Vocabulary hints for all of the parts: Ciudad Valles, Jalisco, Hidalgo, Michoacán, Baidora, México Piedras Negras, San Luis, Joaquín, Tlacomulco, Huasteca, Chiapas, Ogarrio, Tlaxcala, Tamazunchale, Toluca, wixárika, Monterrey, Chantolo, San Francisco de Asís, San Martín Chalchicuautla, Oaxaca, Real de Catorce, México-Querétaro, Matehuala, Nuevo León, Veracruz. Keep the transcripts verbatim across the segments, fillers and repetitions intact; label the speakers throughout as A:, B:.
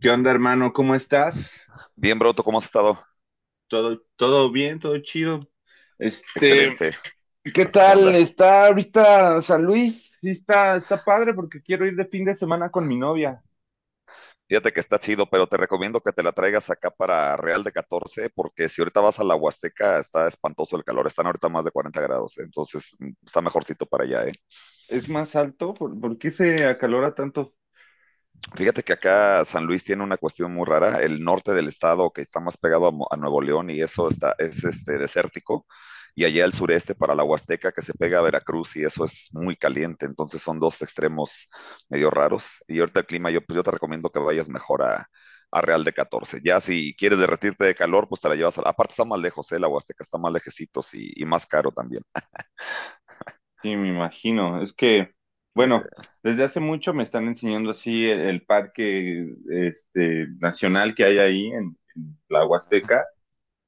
A: ¿Qué onda, hermano? ¿Cómo estás?
B: Bien, Broto, ¿cómo has estado?
A: ¿Todo, todo bien? ¿Todo chido? Este,
B: Excelente.
A: ¿qué
B: ¿Qué
A: tal?
B: onda?
A: ¿Está ahorita San Luis? Sí, está, está padre porque quiero ir de fin de semana con mi novia.
B: Fíjate que está chido, pero te recomiendo que te la traigas acá para Real de Catorce porque si ahorita vas a la Huasteca, está espantoso el calor. Están ahorita más de cuarenta grados, entonces mm, está mejorcito para allá, ¿eh?
A: ¿Es más alto? ¿Por, por qué se acalora tanto?
B: Fíjate que acá San Luis tiene una cuestión muy rara. El norte del estado, que está más pegado a, Mo- a Nuevo León y eso está, es este, desértico, y allá el sureste para la Huasteca, que se pega a Veracruz y eso es muy caliente. Entonces son dos extremos medio raros. Y ahorita el clima, yo, pues yo te recomiendo que vayas mejor a, a Real de Catorce. Ya si quieres derretirte de calor, pues te la llevas a. Aparte está más lejos, ¿eh? La Huasteca está más lejecitos y, y más caro también.
A: Sí, me imagino. Es que,
B: Ajá.
A: bueno, desde hace mucho me están enseñando así el, el parque este, nacional que hay ahí en, en la Huasteca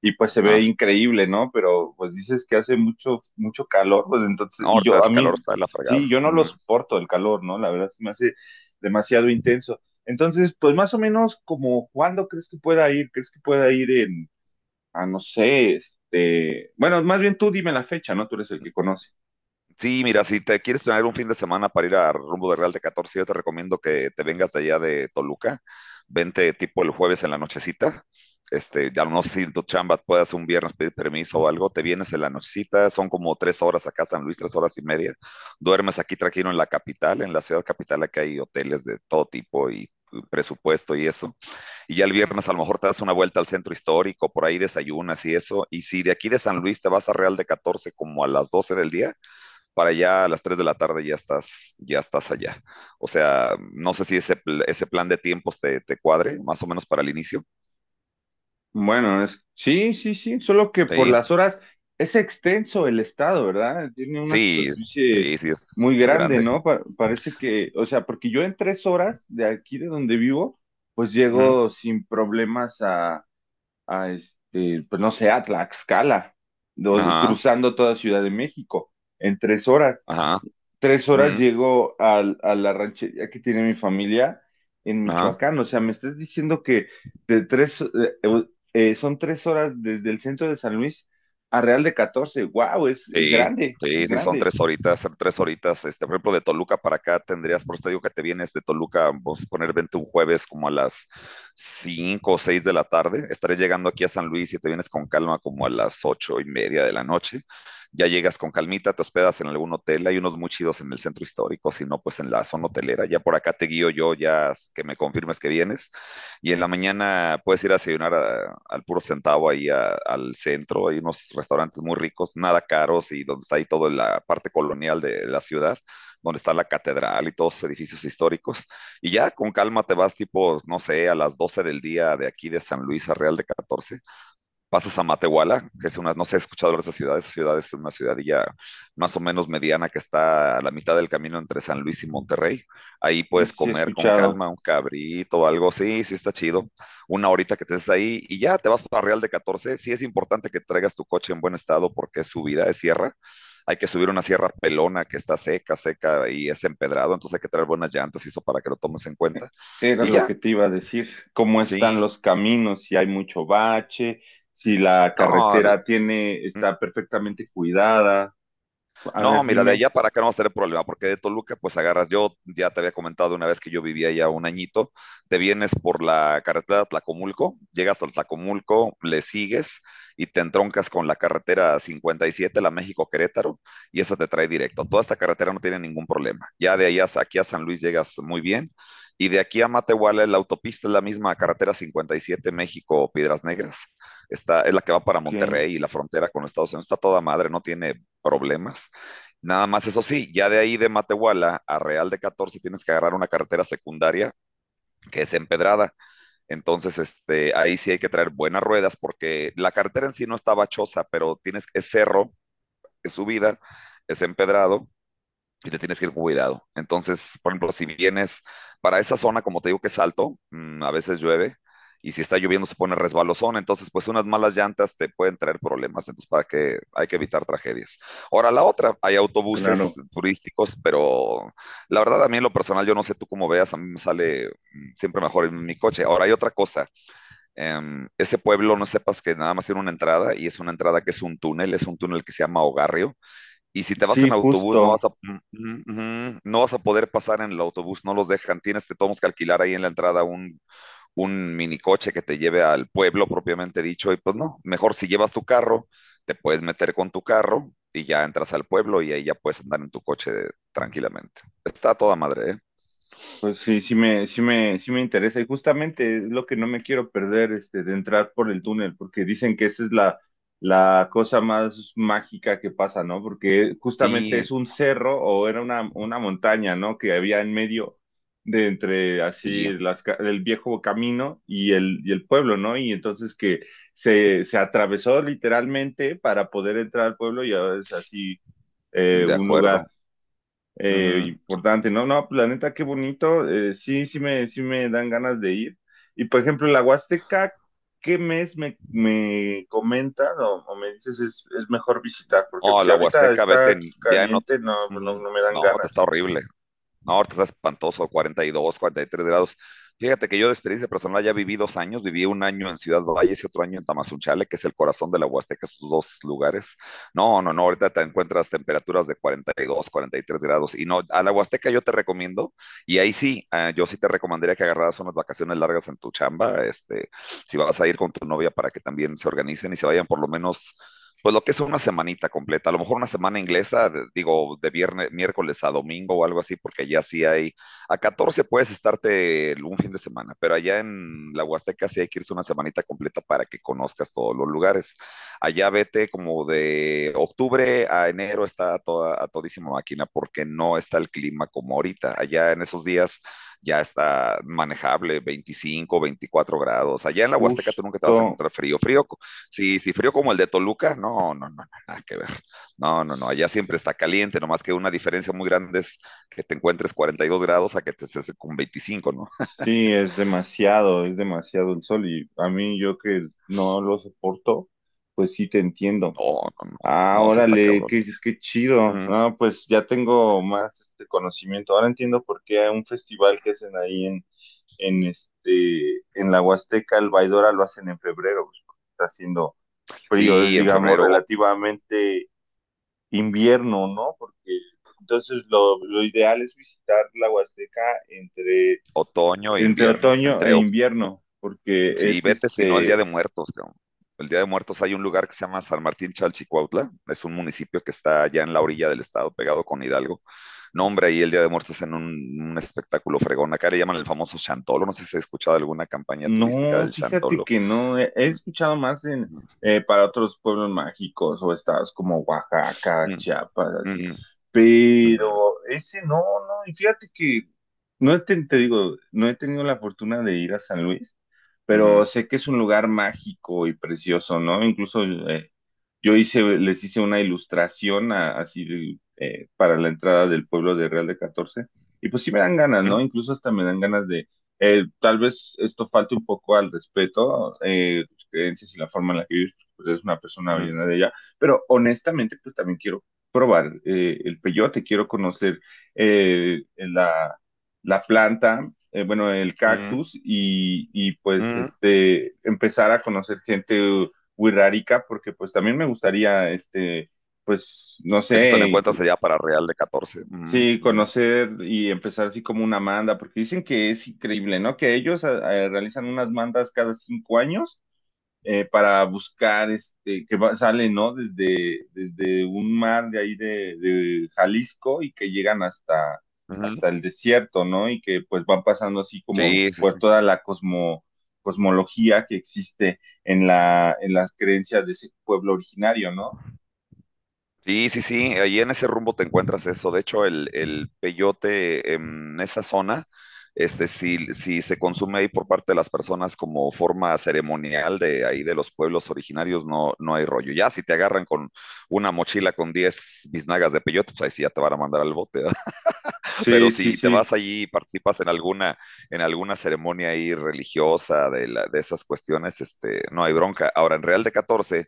A: y pues se ve
B: Ajá.
A: increíble, ¿no? Pero pues dices que hace mucho, mucho calor, pues entonces,
B: No,
A: y
B: ahorita
A: yo, a
B: el calor
A: mí,
B: está de la
A: sí,
B: fregada.
A: yo no lo
B: Mm.
A: soporto el calor, ¿no? La verdad se me hace demasiado intenso. Entonces, pues más o menos como, ¿cuándo crees que pueda ir? ¿Crees que pueda ir en, a no sé, este, bueno, más bien tú dime la fecha, ¿no? Tú eres el que conoce.
B: Sí, mira, si te quieres tener un fin de semana para ir a rumbo de Real de Catorce, yo te recomiendo que te vengas de allá de Toluca. Vente tipo el jueves en la nochecita. Este, ya no sé si en tu chamba puedas un viernes pedir permiso o algo. Te vienes en la nochecita, son como tres horas acá, San Luis, tres horas y media. Duermes aquí tranquilo en la capital, en la ciudad capital, aquí hay hoteles de todo tipo y presupuesto y eso. Y ya el viernes a lo mejor te das una vuelta al centro histórico, por ahí desayunas y eso. Y si de aquí de San Luis te vas a Real de Catorce como a las doce del día, para allá a las tres de la tarde ya estás, ya estás allá. O sea, no sé si ese, pl- ese plan de tiempos te, te cuadre, más o menos para el inicio.
A: Bueno, es, sí, sí, sí, solo que por
B: Sí,
A: las horas es extenso el estado, ¿verdad? Tiene una
B: sí,
A: superficie
B: sí, sí es,
A: muy
B: es
A: grande,
B: grande.
A: ¿no? Pa- parece que, o sea, porque yo en tres horas de aquí de donde vivo, pues
B: Ujú.
A: llego sin problemas a, a este, pues no sé, a Tlaxcala, do-
B: Ajá,
A: cruzando toda Ciudad de México en tres horas
B: ajá,
A: tres horas
B: ujú,
A: llego al- a, la ranchería que tiene mi familia en
B: ajá.
A: Michoacán. O sea, me estás diciendo que de tres, eh, eh, eh, son tres horas desde el centro de San Luis a Real de Catorce. ¡Wow! Es, es
B: Sí,
A: grande, es
B: sí, sí, son
A: grande.
B: tres horitas, son tres horitas. Este, por ejemplo, de Toluca para acá tendrías, por eso te digo que te vienes de Toluca, vamos a poner, vente un jueves como a las cinco o seis de la tarde. Estaré llegando aquí a San Luis y te vienes con calma como a las ocho y media de la noche. Ya llegas con calmita, te hospedas en algún hotel, hay unos muy chidos en el centro histórico, si no, pues en la zona hotelera. Ya por acá te guío yo, ya que me confirmes que vienes. Y en la mañana puedes ir a desayunar a- al puro centavo ahí a- al centro. Hay unos restaurantes muy ricos, nada caros y donde está ahí toda la parte colonial de la ciudad, donde está la catedral y todos los edificios históricos. Y ya con calma te vas tipo, no sé, a las doce del día de aquí de San Luis a Real de Catorce, pasas a Matehuala, que es una, no sé, he escuchado hablar de esa ciudad, esa ciudad es una ciudadilla más o menos mediana que está a la mitad del camino entre San Luis y Monterrey. Ahí
A: Sí,
B: puedes
A: sí, he
B: comer con
A: escuchado.
B: calma un cabrito o algo, sí, sí está chido. Una horita que te estés ahí y ya te vas para Real de Catorce. Sí es importante que traigas tu coche en buen estado porque es subida, es sierra. Hay que subir una sierra pelona que está seca, seca y es empedrado, entonces hay que traer buenas llantas y eso para que lo tomes en cuenta.
A: Era
B: Y
A: lo
B: ya,
A: que te iba a decir. ¿Cómo están
B: sí,
A: los caminos? Si hay mucho bache, si la
B: no,
A: carretera tiene, está perfectamente cuidada. A
B: no,
A: ver,
B: mira, de
A: dime.
B: allá para acá no vas a tener problema, porque de Toluca, pues agarras, yo ya te había comentado una vez que yo vivía ya un añito, te vienes por la carretera de Tlacomulco, llegas al Tlacomulco, le sigues y te entroncas con la carretera cincuenta y siete, la México-Querétaro, y esa te trae directo. Toda esta carretera no tiene ningún problema. Ya de allá aquí a San Luis llegas muy bien. Y de aquí a Matehuala, la autopista es la misma carretera cincuenta y siete México Piedras Negras. Está, es la que va para
A: Ok,
B: Monterrey y la frontera con Estados Unidos. Está toda madre, no tiene problemas. Nada más, eso sí, ya de ahí de Matehuala a Real de Catorce tienes que agarrar una carretera secundaria que es empedrada. Entonces, este, ahí sí hay que traer buenas ruedas porque la carretera en sí no está bachosa, pero tienes, es cerro, es subida, es empedrado y te tienes que ir con cuidado. Entonces, por ejemplo, si vienes para esa zona, como te digo que es alto, mm, a veces llueve y si está lloviendo se pone resbalosón, entonces pues unas malas llantas te pueden traer problemas, entonces para que hay que evitar tragedias. Ahora la otra, hay autobuses
A: claro.
B: turísticos, pero la verdad a mí en lo personal yo no sé tú cómo veas, a mí me sale mm, siempre mejor en mi coche. Ahora hay otra cosa, em, ese pueblo no sepas que nada más tiene una entrada y es una entrada que es un túnel, es un túnel que se llama Ogarrio y si te vas
A: Sí,
B: en autobús, no
A: justo.
B: vas a, mm, mm, mm, no vas a poder pasar en el autobús, no los dejan. Tienes que, tenemos que alquilar ahí en la entrada un, un minicoche que te lleve al pueblo propiamente dicho. Y pues no, mejor si llevas tu carro, te puedes meter con tu carro y ya entras al pueblo y ahí ya puedes andar en tu coche tranquilamente. Está a toda madre, ¿eh?
A: Pues sí, sí me, sí me, sí me interesa y justamente es lo que no me quiero perder, este, de entrar por el túnel, porque dicen que esa es la, la cosa más mágica que pasa, ¿no? Porque justamente
B: Sí,
A: es un cerro o era una, una montaña, ¿no? Que había en medio de entre
B: sí,
A: así las, ca- el viejo camino y el, y el pueblo, ¿no? Y entonces que se, se atravesó literalmente para poder entrar al pueblo y ahora es así, eh,
B: de
A: un
B: acuerdo.
A: lugar, eh,
B: Ujú.
A: importante, ¿no? No, pues la neta, qué bonito, eh, sí, sí me, sí me dan ganas de ir. Y por ejemplo, la Huasteca, ¿qué mes me, me comentas o, o me dices es, es mejor visitar? Porque pues,
B: Oh,
A: si
B: la
A: ahorita
B: Huasteca, vete
A: está
B: en- ya en otro.
A: caliente, no, pues, no,
B: Ujú.
A: no me dan
B: No, te está
A: ganas.
B: horrible. No, ahorita está espantoso, cuarenta cuarenta y dos, cuarenta y tres grados. Fíjate que yo de experiencia personal ya viví dos años, viví un año en Ciudad Valles y otro año en Tamazunchale, que es el corazón de la Huasteca, esos dos lugares. No, no, no, ahorita te encuentras temperaturas de cuarenta cuarenta y dos, cuarenta y tres grados. Y no, a la Huasteca yo te recomiendo, y ahí sí, eh, yo sí te recomendaría que agarraras unas vacaciones largas en tu chamba, este, si vas a ir con tu novia para que también se organicen y se vayan por lo menos pues lo que es una semanita completa, a lo mejor una semana inglesa, de- digo, de viernes, miércoles a domingo o algo así, porque ya sí hay, a catorce puedes estarte el- un fin de semana, pero allá en la Huasteca sí hay que irse una semanita completa para que conozcas todos los lugares. Allá vete como de octubre a enero está a, toda, a todísima máquina, porque no está el clima como ahorita. Allá en esos días ya está manejable, veinticinco, veinticuatro grados. Allá en la Huasteca tú nunca te vas a
A: Justo,
B: encontrar frío, frío. Sí, sí, frío como el de Toluca, no, no, no, no, nada que ver. No, no, no, allá siempre está caliente, nomás que una diferencia muy grande es que te encuentres cuarenta y dos grados a que te estés con veinticinco, ¿no?
A: sí, es demasiado, es demasiado el sol y a mí yo que no lo soporto, pues sí te entiendo.
B: No, no, no,
A: Ah,
B: no, sí está
A: órale,
B: cabrón.
A: qué, qué chido.
B: Mm.
A: No, pues ya tengo más este conocimiento. Ahora entiendo por qué hay un festival que hacen ahí en, en este, en la Huasteca, el Baidora, lo hacen en febrero, pues, porque está haciendo frío, es
B: Sí, en
A: digamos
B: febrero, o-
A: relativamente invierno, ¿no? Porque entonces lo, lo ideal es visitar la Huasteca entre,
B: otoño e
A: entre
B: invierno,
A: otoño
B: entre.
A: e invierno, porque
B: Sí,
A: es
B: vete si no el Día
A: este
B: de Muertos, cabrón. El Día de Muertos hay un lugar que se llama San Martín Chalchicuautla, es un municipio que está allá en la orilla del estado, pegado con Hidalgo. No, hombre, ahí el Día de Muertos es en un, un espectáculo fregón. Acá le llaman el famoso Chantolo, no sé si has escuchado alguna campaña turística
A: No,
B: del
A: fíjate
B: Chantolo.
A: que no, he, he
B: Mm,
A: escuchado más en eh, para otros pueblos mágicos o estados como Oaxaca,
B: mm,
A: Chiapas, así,
B: mm,
A: pero ese no, no, y fíjate que no he ten- te digo, no he tenido la fortuna de ir a San Luis,
B: mm, mm,
A: pero sé que es un lugar mágico y precioso, ¿no? Incluso, eh, yo hice, les hice una ilustración a- así de, eh, para la entrada del pueblo de Real de Catorce y pues sí me dan ganas,
B: mm,
A: ¿no? Incluso hasta me dan ganas, eh, tal vez esto falte un poco al respeto, eh, tus creencias y la forma en la que vives, pues eres una persona
B: mm,
A: llena de ella, pero honestamente, pues también quiero probar, eh, el peyote, quiero conocer, eh, la, la planta, eh, bueno, el
B: mm,
A: cactus y, y, pues
B: mm.
A: este, empezar a conocer gente wixárika porque pues también me gustaría, este, pues, no
B: Eso te lo
A: sé,
B: encuentras allá para Real de Catorce. Mm,
A: sí,
B: mm,
A: conocer y empezar así como una manda, porque dicen que es increíble, ¿no? Que ellos a- a- realizan unas mandas cada cinco años, eh, para buscar, este, que va- salen, ¿no? Desde, desde un mar de ahí de, de Jalisco y que llegan hasta,
B: mm.
A: hasta el desierto, ¿no? Y que pues van pasando así como
B: Sí, sí,
A: por
B: sí.
A: toda la cosmo, cosmología que existe en la, en las creencias de ese pueblo originario, ¿no?
B: Sí, sí, sí, ahí en ese rumbo te encuentras eso. De hecho, el, el peyote en esa zona, este, si, si se consume ahí por parte de las personas como forma ceremonial de ahí de los pueblos originarios, no, no hay rollo. Ya si te agarran con una mochila con diez biznagas de peyote, pues ahí sí ya te van a mandar al bote, ¿verdad? Pero
A: Sí, sí,
B: si te
A: sí.
B: vas allí y participas en alguna, en alguna, ceremonia ahí religiosa de, la- de esas cuestiones, este, no hay bronca. Ahora, en Real de Catorce,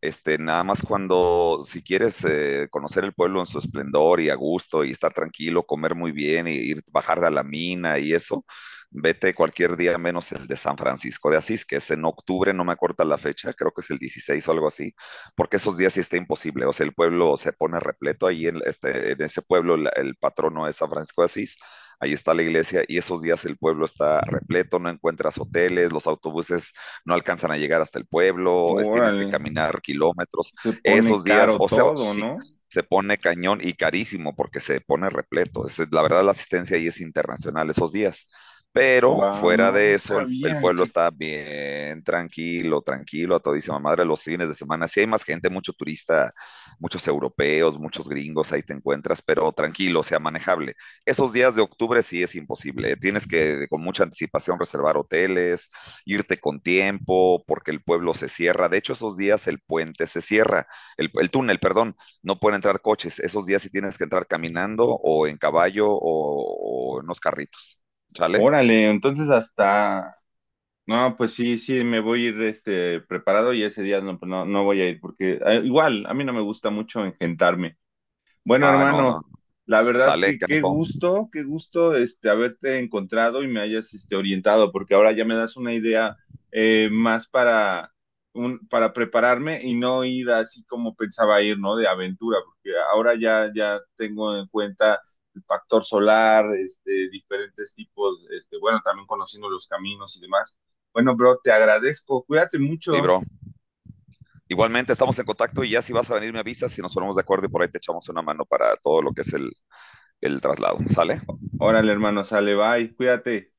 B: este, nada más cuando, si quieres eh, conocer el pueblo en su esplendor y a gusto y estar tranquilo, comer muy bien y ir, bajar a la mina y eso, vete cualquier día menos el de San Francisco de Asís, que es en octubre, no me acuerdo la fecha, creo que es el dieciséis o algo así, porque esos días sí está imposible, o sea, el pueblo se pone repleto ahí en, este, en ese pueblo, la- el patrono es San Francisco de Asís, ahí está la iglesia y esos días el pueblo está repleto, no encuentras hoteles, los autobuses no alcanzan a llegar hasta el pueblo, es, tienes que
A: Órale.
B: caminar kilómetros.
A: Se pone
B: Esos días,
A: caro
B: o sea,
A: todo,
B: sí,
A: ¿no?
B: se pone cañón y carísimo porque se pone repleto. Es, la verdad, la asistencia ahí es internacional esos días. Pero
A: Wow,
B: fuera
A: no,
B: de
A: no
B: eso, el, el,
A: sabía
B: pueblo
A: que.
B: está bien tranquilo, tranquilo, a todísima madre los fines de semana. Sí hay más gente, mucho turista, muchos europeos, muchos gringos, ahí te encuentras, pero tranquilo, o sea, manejable. Esos días de octubre sí es imposible. Tienes que con mucha anticipación reservar hoteles, irte con tiempo, porque el pueblo se cierra. De hecho, esos días el puente se cierra, el, el túnel, perdón, no pueden entrar coches. Esos días sí tienes que entrar caminando o en caballo o, o en unos carritos. ¿Sale?
A: Órale, entonces hasta. No, pues sí, sí, me voy a ir, este, preparado y ese día no, pues no, no voy a ir porque, eh, igual, a mí no me gusta mucho engentarme. Bueno,
B: Ah, no, no.
A: hermano, la verdad
B: Sale,
A: que qué
B: canijo.
A: gusto, qué gusto este haberte encontrado y me hayas este orientado, porque ahora ya me das una idea, eh, más para un, para prepararme y no ir así como pensaba ir, ¿no? De aventura, porque ahora ya ya tengo en cuenta el factor solar, este diferentes tipos, este bueno, también conociendo los caminos y demás. Bueno, bro, te agradezco. Cuídate
B: Sí,
A: mucho.
B: bro. Igualmente estamos en contacto y ya si vas a venir me avisas, si nos ponemos de acuerdo y por ahí te echamos una mano para todo lo que es el, el traslado. ¿Sale?
A: Órale, hermano, sale, bye. Cuídate.